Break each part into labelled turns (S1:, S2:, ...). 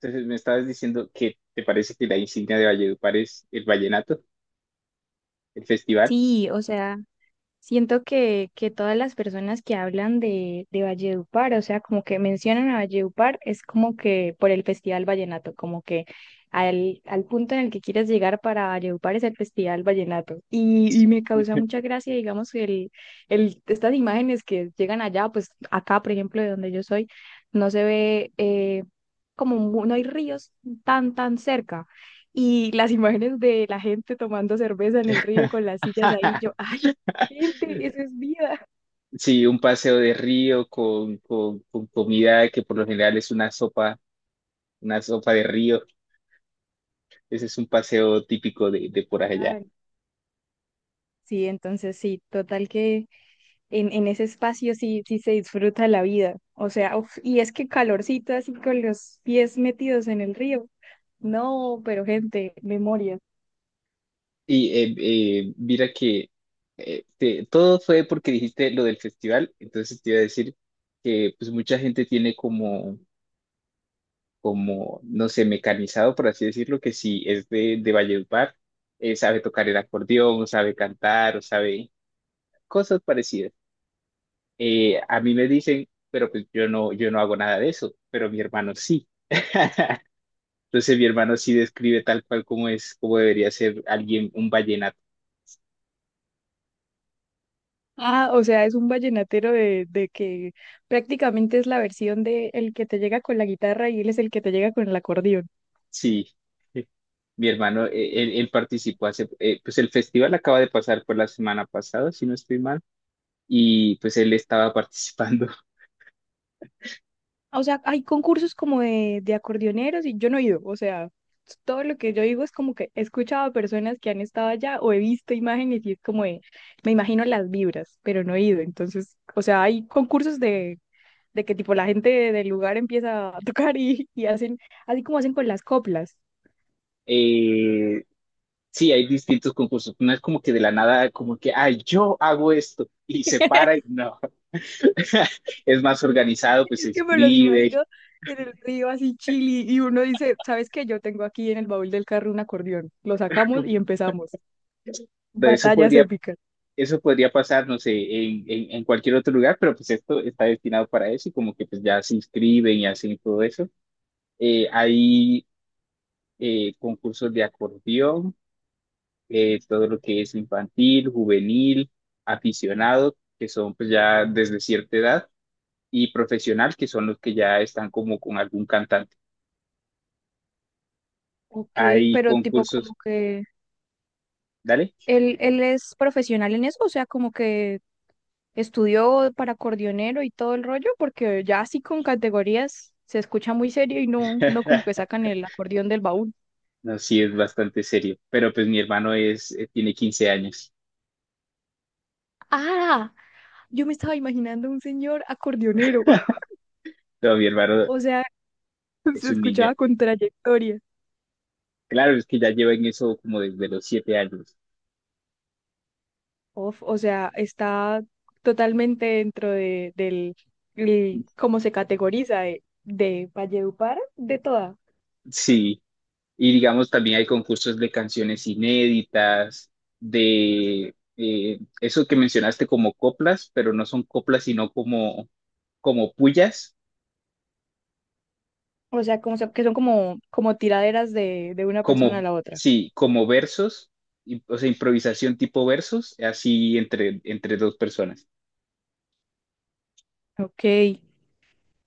S1: Entonces me estabas diciendo que te parece que la insignia de Valledupar es el vallenato, el festival.
S2: Sí, o sea, siento que todas las personas que hablan de Valledupar, o sea, como que mencionan a Valledupar, es como que por el Festival Vallenato, como que al punto en el que quieres llegar para Valledupar es el Festival Vallenato. Y me causa mucha gracia, digamos, estas imágenes que llegan allá, pues acá, por ejemplo, de donde yo soy, no se ve como no hay ríos tan cerca. Y las imágenes de la gente tomando cerveza en el río con las sillas ahí, yo, gente, eso es vida.
S1: Sí, un paseo de río con comida que por lo general es una sopa de río. Ese es un paseo típico de por allá.
S2: Ay, sí, entonces sí, total que en ese espacio sí, sí se disfruta la vida. O sea, uf, y es que calorcito así con los pies metidos en el río. No, pero gente, memoria.
S1: Y eh, Mira que todo fue porque dijiste lo del festival, entonces te iba a decir que pues mucha gente tiene no sé, mecanizado, por así decirlo, que si es de Valledupar, sabe tocar el acordeón, sabe cantar, o sabe cosas parecidas. A mí me dicen, pero pues yo no hago nada de eso, pero mi hermano sí. Entonces mi hermano sí describe tal cual como es, como debería ser alguien, un vallenato.
S2: Ah, o sea, es un vallenatero de que prácticamente es la versión de el que te llega con la guitarra y él es el que te llega con el acordeón.
S1: Sí, mi hermano, él participó pues el festival acaba de pasar por la semana pasada, si no estoy mal, y pues él estaba participando.
S2: O sea, hay concursos como de acordeoneros y yo no he ido. O sea, todo lo que yo digo es como que he escuchado a personas que han estado allá o he visto imágenes y es como de, me imagino las vibras, pero no he ido. Entonces, o sea, hay concursos de que tipo la gente del lugar empieza a tocar y hacen, así como hacen con las coplas.
S1: Eh, Sí, hay distintos concursos. No es como que de la nada, como que, ay, yo hago esto y se para y no. Es más organizado, pues
S2: Es
S1: se
S2: que me los
S1: escribe.
S2: imagino en el río así chili y uno dice, ¿sabes qué? Yo tengo aquí en el baúl del carro un acordeón. Lo sacamos y empezamos.
S1: De Eso
S2: Batallas
S1: podría,
S2: épicas.
S1: Eso podría pasar, no sé, en cualquier otro lugar, pero pues esto está destinado para eso y como que pues ya se inscriben y hacen todo eso. Hay Concursos de acordeón, todo lo que es infantil, juvenil, aficionado, que son pues ya desde cierta edad y profesional, que son los que ya están como con algún cantante.
S2: Ok,
S1: Hay
S2: pero tipo como
S1: concursos,
S2: que
S1: dale.
S2: él es profesional en eso, o sea, como que estudió para acordeonero y todo el rollo, porque ya así con categorías se escucha muy serio y no, no como que sacan el acordeón del baúl.
S1: No, sí, es bastante serio. Pero pues mi hermano tiene 15 años.
S2: Ah, yo me estaba imaginando un señor acordeonero,
S1: No, mi hermano
S2: o sea,
S1: es
S2: se
S1: un niño.
S2: escuchaba con trayectoria.
S1: Claro, es que ya lleva en eso como desde los 7 años.
S2: Uf, o sea, está totalmente dentro de, del, cómo se categoriza de Valledupar, de toda.
S1: Sí, y digamos también hay concursos de canciones inéditas, de eso que mencionaste como coplas, pero no son coplas, sino como, como pullas,
S2: O sea, que son como, como tiraderas de una persona a
S1: como,
S2: la otra.
S1: sí, como versos, o sea, improvisación tipo versos, así entre dos personas.
S2: Ok,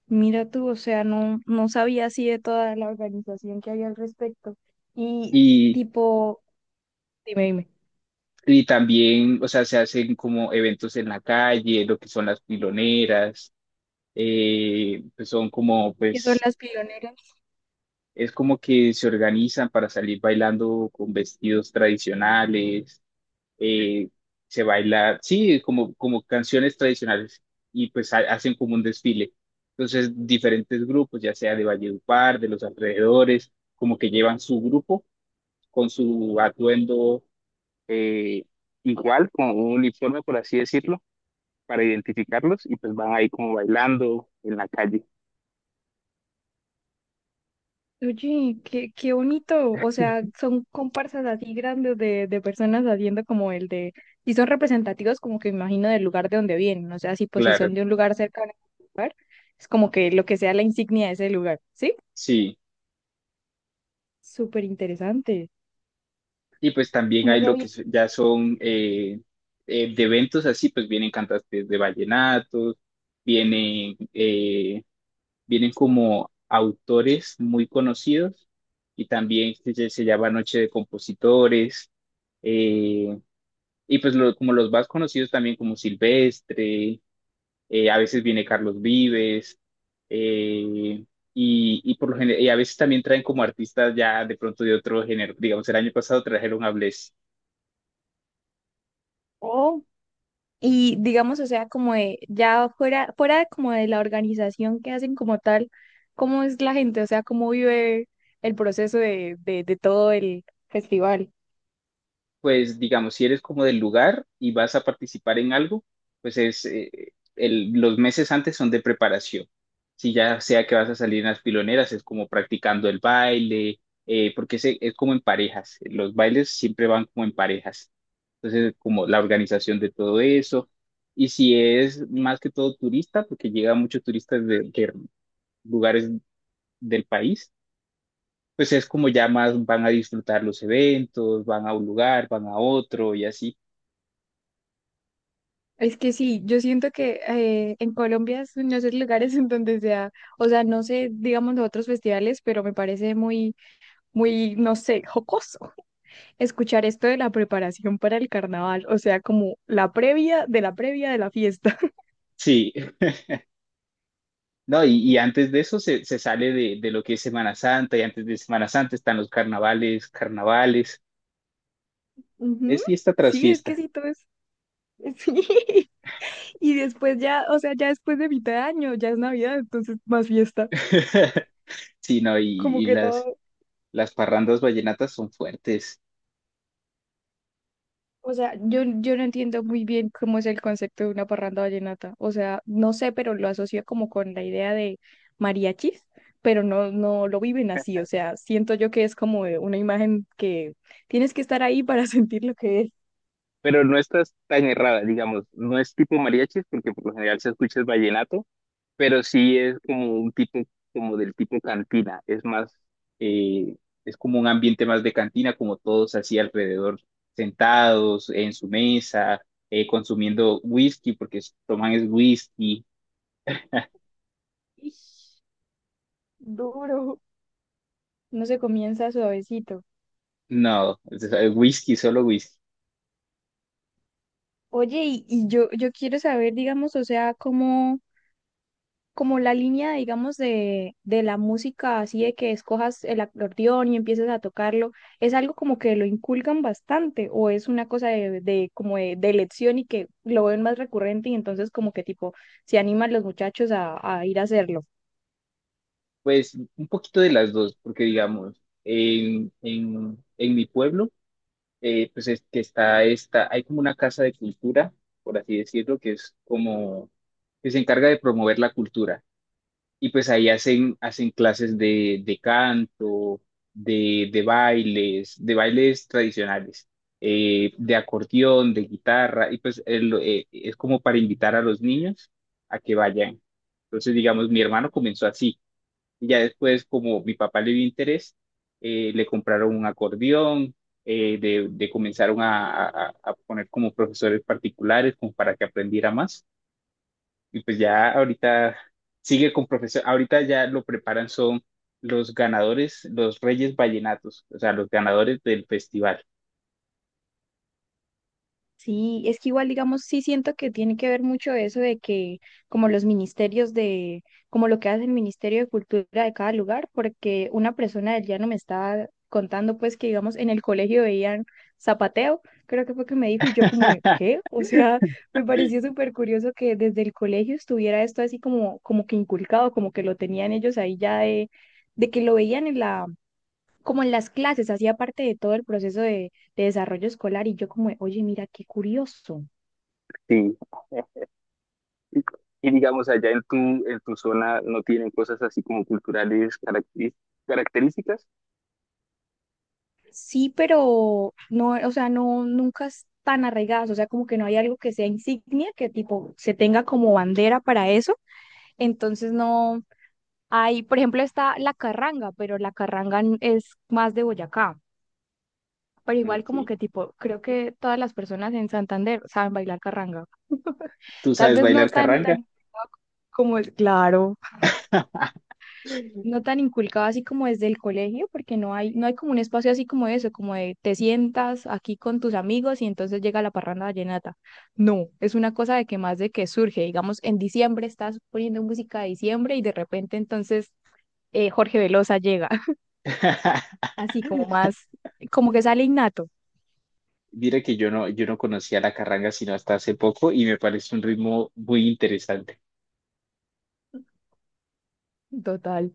S2: mira tú, o sea, no, no sabía así de toda la organización que hay al respecto. Y
S1: Y,
S2: tipo, dime,
S1: y también, o sea, se hacen como eventos en la calle, lo que son las piloneras, pues son como,
S2: ¿qué son
S1: pues,
S2: las pioneras?
S1: es como que se organizan para salir bailando con vestidos tradicionales, eh, se baila, sí, como, como canciones tradicionales, y pues hacen como un desfile. Entonces, diferentes grupos, ya sea de Valledupar, de los alrededores, como que llevan su grupo con su atuendo eh, igual con un uniforme, por así decirlo, para identificarlos y pues van ahí como bailando en la calle.
S2: Oye, qué bonito, o sea, son comparsas así grandes de personas haciendo como el de, y son representativos como que me imagino del lugar de donde vienen, o sea, si pues si
S1: Claro,
S2: son de un lugar cercano a un lugar, es como que lo que sea la insignia de ese lugar, ¿sí?
S1: sí.
S2: Súper interesante,
S1: Y pues también
S2: no
S1: hay lo que
S2: sabía.
S1: ya son de eventos así, pues vienen cantantes de vallenatos, vienen, eh, vienen como autores muy conocidos y también se llama Noche de Compositores. eh, y pues como los más conocidos también como Silvestre, a veces viene Carlos Vives, eh, y por lo general, y a veces también traen como artistas ya de pronto de otro género. Digamos, el año pasado trajeron a Bless.
S2: Oh, y digamos, o sea, como de, ya fuera como de la organización que hacen como tal, ¿cómo es la gente? O sea, ¿cómo vive el proceso de todo el festival?
S1: Pues digamos, si eres como del lugar y vas a participar en algo, pues los meses antes son de preparación. Si ya sea que vas a salir en las piloneras, es como practicando el baile, porque es como en parejas. Los bailes siempre van como en parejas. Entonces, como la organización de todo eso. Y si es más que todo turista, porque llegan muchos turistas de lugares del país, pues es como ya más van a disfrutar los eventos, van a un lugar, van a otro y así.
S2: Es que sí, yo siento que en Colombia es uno de esos lugares en donde sea, o sea, no sé, digamos, los otros festivales, pero me parece muy, muy, no sé, jocoso escuchar esto de la preparación para el carnaval, o sea, como la previa de la previa de la fiesta.
S1: Sí, no, y antes de eso se sale de lo que es Semana Santa, y antes de Semana Santa están los carnavales, carnavales,
S2: Ujú.
S1: es fiesta tras
S2: Sí, es que
S1: fiesta.
S2: sí, todo es... Sí. Y después ya, o sea, ya después de mitad de año, ya es Navidad, entonces más fiesta.
S1: Sí, no,
S2: Como que todo,
S1: las parrandas vallenatas son fuertes,
S2: o sea, yo no entiendo muy bien cómo es el concepto de una parranda vallenata. O sea, no sé, pero lo asocio como con la idea de mariachis, pero no, no lo viven así. O sea, siento yo que es como de una imagen que tienes que estar ahí para sentir lo que es.
S1: pero no estás tan errada, digamos, no es tipo mariachis, porque por lo general se escucha es vallenato, pero sí es como un tipo, como del tipo cantina, es más, eh, es como un ambiente más de cantina, como todos así alrededor, sentados en su mesa, consumiendo whisky, porque toman es whisky,
S2: Ish, duro. No se comienza suavecito.
S1: no, es whisky, solo whisky.
S2: Oye, y yo quiero saber, digamos, o sea, cómo como la línea, digamos, de la música, así de que escojas el acordeón y empieces a tocarlo, ¿es algo como que lo inculcan bastante o es una cosa de como de elección y que lo ven más recurrente y entonces como que tipo se animan los muchachos a ir a hacerlo?
S1: Pues un poquito de las dos, porque digamos, en mi pueblo, pues es que hay como una casa de cultura, por así decirlo, que es como, que se encarga de promover la cultura. Y pues ahí hacen, hacen clases de canto, de bailes tradicionales, de acordeón, de guitarra, y pues es como para invitar a los niños a que vayan. Entonces, digamos, mi hermano comenzó así, y ya después, como mi papá le dio interés, le compraron un acordeón, de comenzaron a, a poner como profesores particulares, como para que aprendiera más. Y pues ya ahorita sigue con profesión, ahorita ya lo preparan son los ganadores, los Reyes Vallenatos, o sea, los ganadores del festival.
S2: Sí, es que igual, digamos, sí siento que tiene que ver mucho eso de que como los ministerios de, como lo que hace el Ministerio de Cultura de cada lugar, porque una persona del llano me estaba contando pues que, digamos, en el colegio veían zapateo, creo que fue que me dijo, y yo como, de, ¿qué? O sea, me pareció súper curioso que desde el colegio estuviera esto así como, como que inculcado, como que lo tenían ellos ahí ya de que lo veían en la como en las clases, hacía parte de todo el proceso de desarrollo escolar y yo como, de, oye, mira, qué curioso.
S1: Sí. Y, y digamos, en tu zona no tienen cosas así como culturales características.
S2: Sí, pero no, o sea, no, nunca están arraigadas, o sea, como que no hay algo que sea insignia, que tipo se tenga como bandera para eso, entonces no hay, por ejemplo, está la carranga, pero la carranga es más de Boyacá, pero igual como
S1: Ok.
S2: que tipo, creo que todas las personas en Santander saben bailar carranga,
S1: ¿Tú
S2: tal
S1: sabes
S2: vez no
S1: bailar
S2: tan,
S1: carranga?
S2: tan como es, claro. No tan inculcado así como desde el colegio, porque no hay como un espacio así como eso, como de te sientas aquí con tus amigos y entonces llega la parranda vallenata. No, es una cosa de que más de que surge, digamos, en diciembre estás poniendo música de diciembre y de repente entonces Jorge Velosa llega, así como más, como que sale innato.
S1: Mira que yo no conocía la carranga sino hasta hace poco y me parece un ritmo muy interesante.
S2: Total.